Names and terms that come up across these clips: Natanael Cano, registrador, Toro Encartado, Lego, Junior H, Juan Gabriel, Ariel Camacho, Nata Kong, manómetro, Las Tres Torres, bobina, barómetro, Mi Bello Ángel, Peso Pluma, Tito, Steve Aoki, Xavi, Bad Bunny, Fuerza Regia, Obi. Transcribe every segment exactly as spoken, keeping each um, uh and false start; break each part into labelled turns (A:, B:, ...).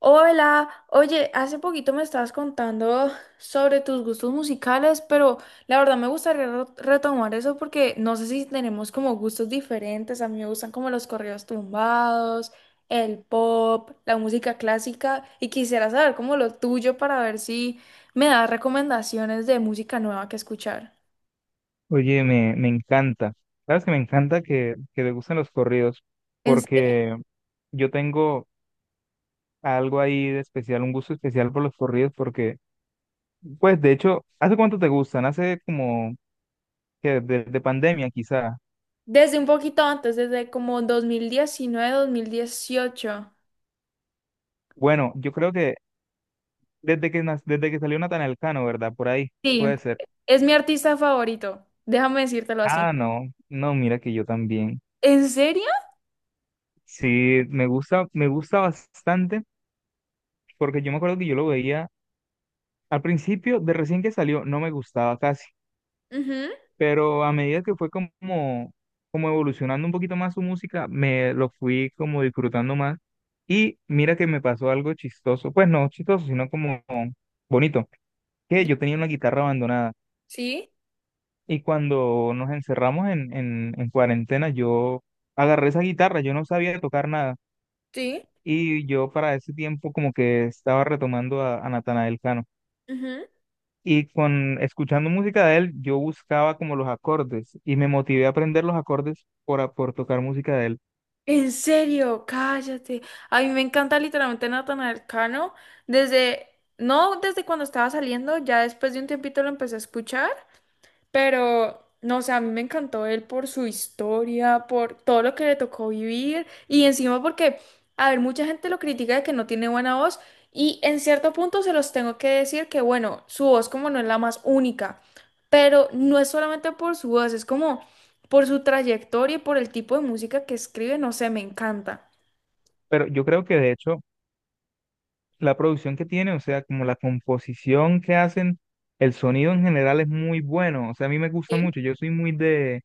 A: Hola, oye, hace poquito me estabas contando sobre tus gustos musicales, pero la verdad me gustaría re- retomar eso porque no sé si tenemos como gustos diferentes. A mí me gustan como los corridos tumbados, el pop, la música clásica y quisiera saber como lo tuyo para ver si me das recomendaciones de música nueva que escuchar.
B: Oye, me, me encanta. Sabes que me encanta que, que te gusten los corridos,
A: ¿En serio?
B: porque yo tengo algo ahí de especial, un gusto especial por los corridos, porque, pues, de hecho, ¿hace cuánto te gustan? Hace como que desde pandemia, quizá.
A: Desde un poquito antes, desde como dos dos mil diecinueve, dos mil dieciocho.
B: Bueno, yo creo que desde que nac- desde que salió Natanael Elcano, ¿verdad? Por ahí,
A: Sí,
B: puede ser.
A: es mi artista favorito, déjame decírtelo así.
B: Ah, no, no, mira que yo también.
A: ¿En serio?
B: Sí, me gusta, me gusta bastante, porque yo me acuerdo que yo lo veía al principio, de recién que salió, no me gustaba casi.
A: Ujú.
B: Pero a medida que fue como, como evolucionando un poquito más su música, me lo fui como disfrutando más. Y mira que me pasó algo chistoso, pues no chistoso, sino como bonito, que yo tenía una guitarra abandonada
A: Sí,
B: y cuando nos encerramos en, en, en cuarentena, yo agarré esa guitarra, yo no sabía tocar nada
A: sí.
B: y yo para ese tiempo como que estaba retomando a, a Natanael Cano.
A: Ujú.
B: Y con escuchando música de él, yo buscaba como los acordes y me motivé a aprender los acordes por, a- por tocar música de él.
A: En serio, cállate. A mí me encanta literalmente Natanael Cano. Desde, no desde cuando estaba saliendo, ya después de un tiempito lo empecé a escuchar. Pero, no sé, a mí me encantó él por su historia, por todo lo que le tocó vivir y encima porque, a ver, mucha gente lo critica de que no tiene buena voz y en cierto punto se los tengo que decir que, bueno, su voz como no es la más única, pero no es solamente por su voz, es como por su trayectoria y por el tipo de música que escribe, no sé, me encanta.
B: Pero yo creo que de hecho la producción que tiene, o sea, como la composición que hacen, el sonido en general es muy bueno. O sea, a mí me gusta
A: Sí.
B: mucho. Yo soy muy de,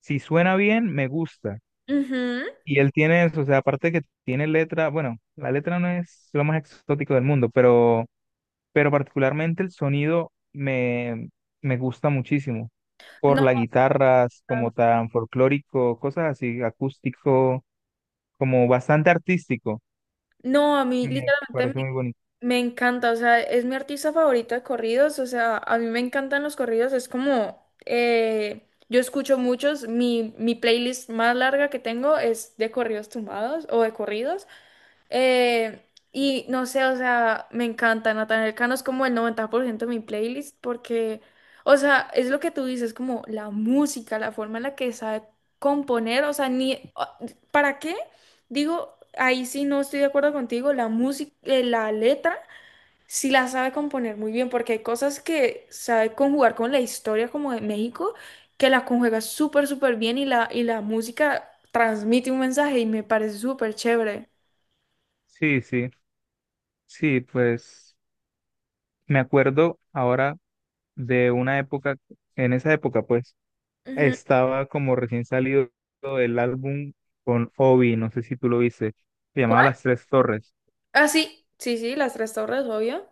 B: si suena bien, me gusta.
A: Ujú.
B: Y él tiene eso, o sea, aparte de que tiene letra, bueno, la letra no es lo más exótico del mundo, pero pero particularmente el sonido me, me gusta muchísimo, por
A: No,
B: las guitarras, como tan folclórico, cosas así, acústico, como bastante artístico,
A: no, a mí
B: me
A: literalmente me...
B: parece muy bonito.
A: Me encanta, o sea, es mi artista favorito de corridos, o sea, a mí me encantan los corridos, es como, eh, yo escucho muchos, mi, mi playlist más larga que tengo es de corridos tumbados o de corridos, eh, y no sé, o sea, me encanta, Natanael Cano es como el noventa por ciento de mi playlist porque, o sea, es lo que tú dices, como la música, la forma en la que sabe componer, o sea, ni, ¿para qué? Digo, ahí sí no estoy de acuerdo contigo, la música, eh, la letra. Sí la sabe componer muy bien, porque hay cosas que sabe conjugar con la historia como de México, que la conjuga súper, súper bien y la, y la música transmite un mensaje y me parece súper chévere.
B: Sí, sí, sí, pues me acuerdo ahora de una época. En esa época, pues,
A: Ujú.
B: estaba como recién salido el álbum con Obi, no sé si tú lo viste, se llamaba
A: ¿Cuál?
B: Las Tres Torres.
A: Ah, sí, sí, sí, Las Tres Torres, obvio.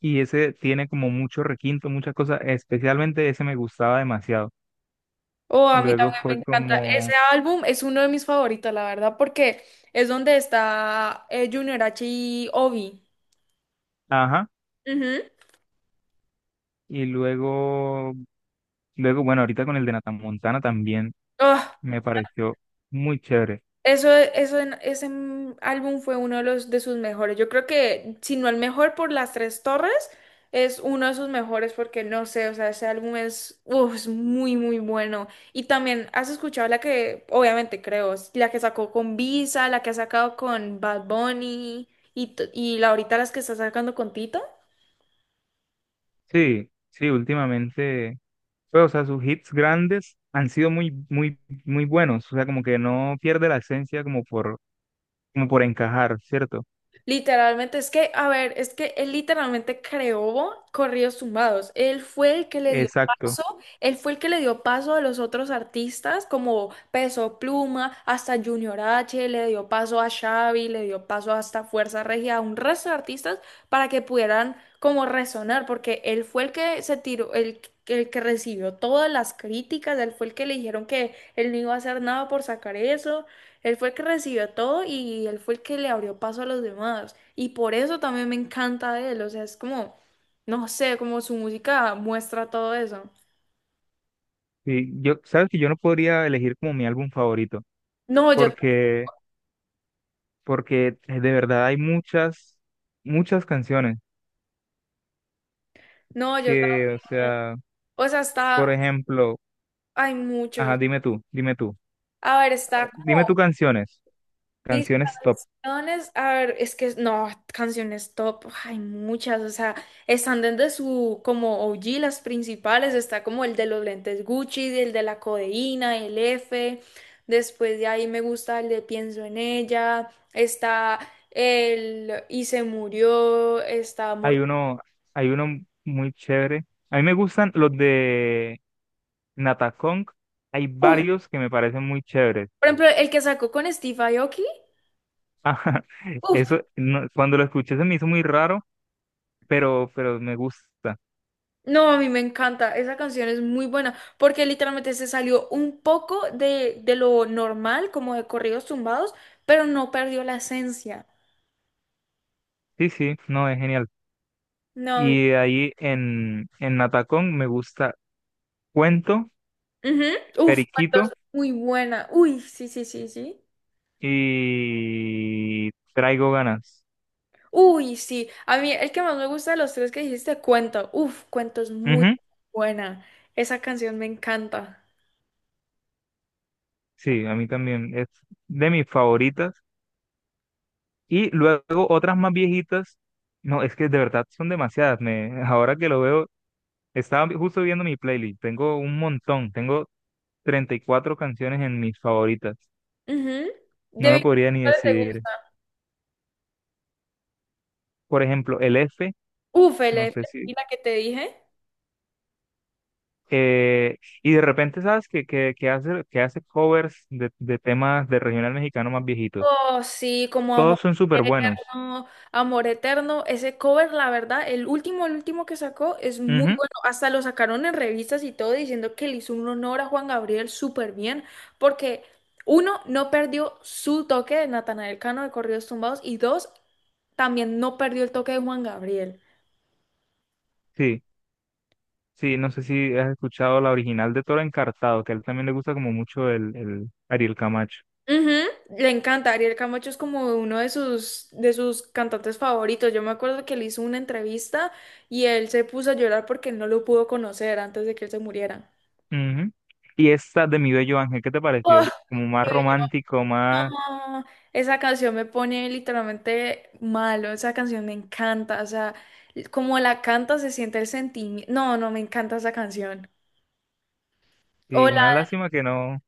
B: Y ese tiene como mucho requinto, muchas cosas, especialmente ese me gustaba demasiado.
A: Oh, a mí
B: Luego
A: también me
B: fue
A: encanta.
B: como,
A: Ese álbum es uno de mis favoritos, la verdad, porque es donde está eh, Junior H y Obi.
B: ajá,
A: Ujú.
B: y luego, luego, bueno, ahorita con el de Montana también
A: Oh,
B: me pareció muy chévere.
A: Eso, eso, en- ese mm, álbum fue uno de los de sus mejores. Yo creo que, si no el mejor por Las Tres Torres, es uno de sus mejores porque no sé, o sea, ese álbum es, uf, es muy, muy bueno. Y también, ¿has escuchado la que, obviamente creo, es la que sacó con Visa, la que ha sacado con Bad Bunny y, t- y la ahorita las que está sacando con Tito?
B: Sí, sí, últimamente, pues, o sea, sus hits grandes han sido muy, muy, muy buenos, o sea, como que no pierde la esencia como por, como por encajar, ¿cierto?
A: Literalmente, es que, a ver, es que él literalmente creó corridos tumbados. Él fue el que le dio
B: Exacto.
A: paso, él fue el que le dio paso a los otros artistas como Peso Pluma, hasta Junior H, le dio paso a Xavi, le dio paso hasta Fuerza Regia, a un resto de artistas para que pudieran como resonar, porque él fue el que se tiró, el, que- el que recibió todas las críticas, él fue el que le dijeron que él no iba a hacer nada por sacar eso. Él fue el que recibió todo y él fue el que le abrió paso a los demás. Y por eso también me encanta de él. O sea, es como, no sé, como su música muestra todo eso.
B: Sí, yo, sabes que yo no podría elegir como mi álbum favorito,
A: No, yo,
B: porque porque eh, de verdad hay muchas, muchas canciones
A: no, yo,
B: que, o sea,
A: o sea,
B: por
A: está,
B: ejemplo,
A: hay muchos.
B: ajá, dime tú, dime tú,
A: A ver, está
B: dime tú
A: como...
B: canciones,
A: Mis
B: canciones top.
A: canciones, a ver, es que no, canciones top, hay muchas, o sea, están desde su como O G, las principales, está como el de los lentes Gucci, el de la codeína, el F, después de ahí me gusta el de Pienso en ella, está el Y se murió, está
B: Hay
A: Mortal,
B: uno, hay uno muy chévere. A mí me gustan los de Nata Kong. Hay
A: por
B: varios que me parecen muy chéveres.
A: ejemplo, el que sacó con Steve Aoki,
B: Ajá,
A: uf.
B: eso, no- cuando lo escuché se me hizo muy raro, pero, pero me gusta.
A: No, a mí me encanta. Esa canción es muy buena porque literalmente se salió un poco de, de lo normal, como de corridos tumbados, pero no perdió la esencia.
B: Sí, sí, no, es genial.
A: No.
B: Y de ahí en, en Nata me gusta Cuento,
A: Ujú. Uf,
B: Periquito
A: entonces, muy buena. Uy, sí, sí, sí, sí.
B: y traigo ganas.
A: Uy, sí. A mí el que más me gusta de los tres que dijiste, Cuento. Uf, Cuento es muy
B: Ujú.
A: buena. Esa canción me encanta.
B: Sí, a mí también es de mis favoritas. Y luego otras más viejitas, no, es que de verdad son demasiadas. Me, ahora que lo veo, estaba justo viendo mi playlist, tengo un montón, tengo treinta y cuatro canciones en mis favoritas.
A: Ujú.
B: No
A: De
B: me podría
A: Victoria,
B: ni
A: ¿cuál te
B: decidir.
A: gusta?
B: Por ejemplo, el F,
A: Uf, el
B: no
A: F
B: sé si...
A: y la que te dije.
B: eh, y de repente, ¿sabes? Que, que, que hace, que hace covers de, de temas de regional mexicano más viejitos.
A: Oh, sí, como Amor
B: Todos son súper buenos.
A: Eterno, Amor Eterno, ese cover, la verdad, el último, el último que sacó es muy bueno, hasta lo sacaron en revistas y todo diciendo que le hizo un honor a Juan Gabriel súper bien, porque uno, no perdió su toque de Natanael Cano de Corridos Tumbados y dos, también no perdió el toque de Juan Gabriel.
B: Sí, sí, no sé si has escuchado la original de Toro Encartado, que a él también le gusta como mucho el, el Ariel Camacho.
A: Ujú. Le encanta, Ariel Camacho es como uno de sus, de sus cantantes favoritos. Yo me acuerdo que le hizo una entrevista y él se puso a llorar porque él no lo pudo conocer antes de que él se muriera.
B: Ujú. Y esta de Mi Bello Ángel, ¿qué te
A: Oh,
B: pareció? Como más
A: y yo,
B: romántico, más...
A: "Ah, esa canción me pone literalmente malo, esa canción me encanta, o sea, como la canta se siente el sentimiento. No, no, me encanta esa canción.
B: Sí, una
A: Hola,
B: lástima que no,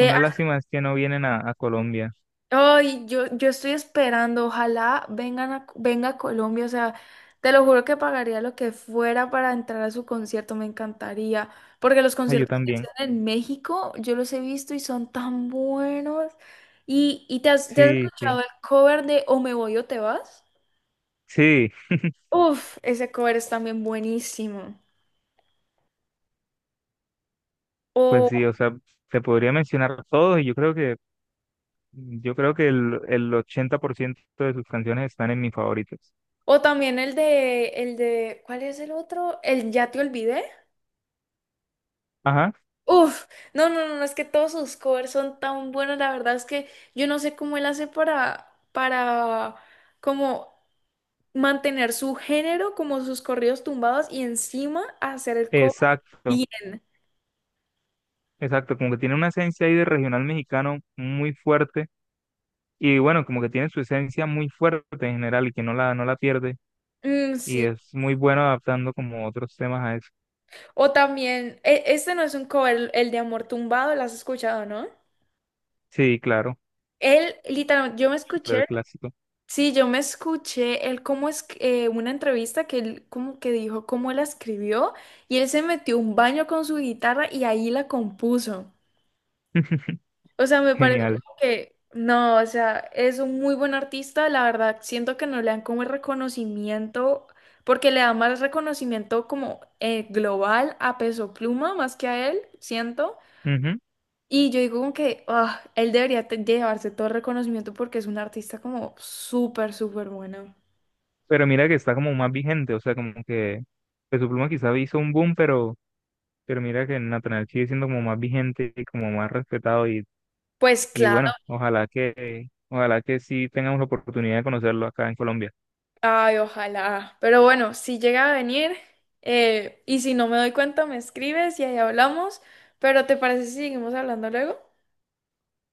B: una lástima es que no vienen a, a Colombia.
A: ay, yo, yo estoy esperando, ojalá vengan a, venga a Colombia, o sea, te lo juro que pagaría lo que fuera para entrar a su concierto, me encantaría, porque los
B: Ah, yo
A: conciertos que
B: también.
A: hacen en México, yo los he visto y son tan buenos. ¿Y, y te has, te has
B: Sí,
A: escuchado
B: sí,
A: el cover de O me voy o te vas?
B: sí,
A: Uf, ese cover es también buenísimo.
B: pues
A: O,
B: sí, o sea, te podría mencionar todos y yo creo que, yo creo que el, el ochenta por ciento de sus canciones están en mis favoritos.
A: o también el de, el de, ¿cuál es el otro? El Ya te olvidé.
B: Ajá,
A: Uf, no, no, no, no, es que todos sus covers son tan buenos, la verdad es que yo no sé cómo él hace para, para, como mantener su género, como sus corridos tumbados y encima hacer el cover
B: exacto.
A: bien.
B: Exacto, como que tiene una esencia ahí de regional mexicano muy fuerte y bueno, como que tiene su esencia muy fuerte en general y que no la, no la pierde
A: Mm,
B: y
A: sí.
B: es muy bueno adaptando como otros temas a eso.
A: O también, e- este no es un cover, el, el de Amor Tumbado, ¿lo has escuchado, no?
B: Sí, claro,
A: Él, literalmente, yo me escuché...
B: súper clásico,
A: Sí, yo me escuché él cómo es eh, una entrevista que él como que dijo cómo la escribió y él se metió a un baño con su guitarra y ahí la compuso. O sea, me pareció
B: genial.
A: como que no, o sea, es un muy buen artista, la verdad, siento que no le dan como el reconocimiento porque le da más reconocimiento como eh, global a Peso Pluma más que a él, siento.
B: Ujú.
A: Y yo digo como que ah, él debería te- llevarse todo el reconocimiento porque es un artista como súper, súper bueno.
B: Pero mira que está como más vigente, o sea, como que Peso Pluma quizá hizo un boom, pero, pero mira que Natanael sigue siendo como más vigente y como más respetado y,
A: Pues
B: y
A: claro.
B: bueno, ojalá que, ojalá que sí tengamos la oportunidad de conocerlo acá en Colombia.
A: Ay, ojalá. Pero bueno, si llega a venir eh, y si no me doy cuenta, me escribes y ahí hablamos. Pero ¿te parece si seguimos hablando luego?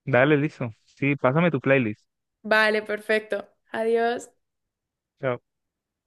B: Dale, listo. Sí, pásame tu playlist.
A: Vale, perfecto. Adiós.
B: Chao.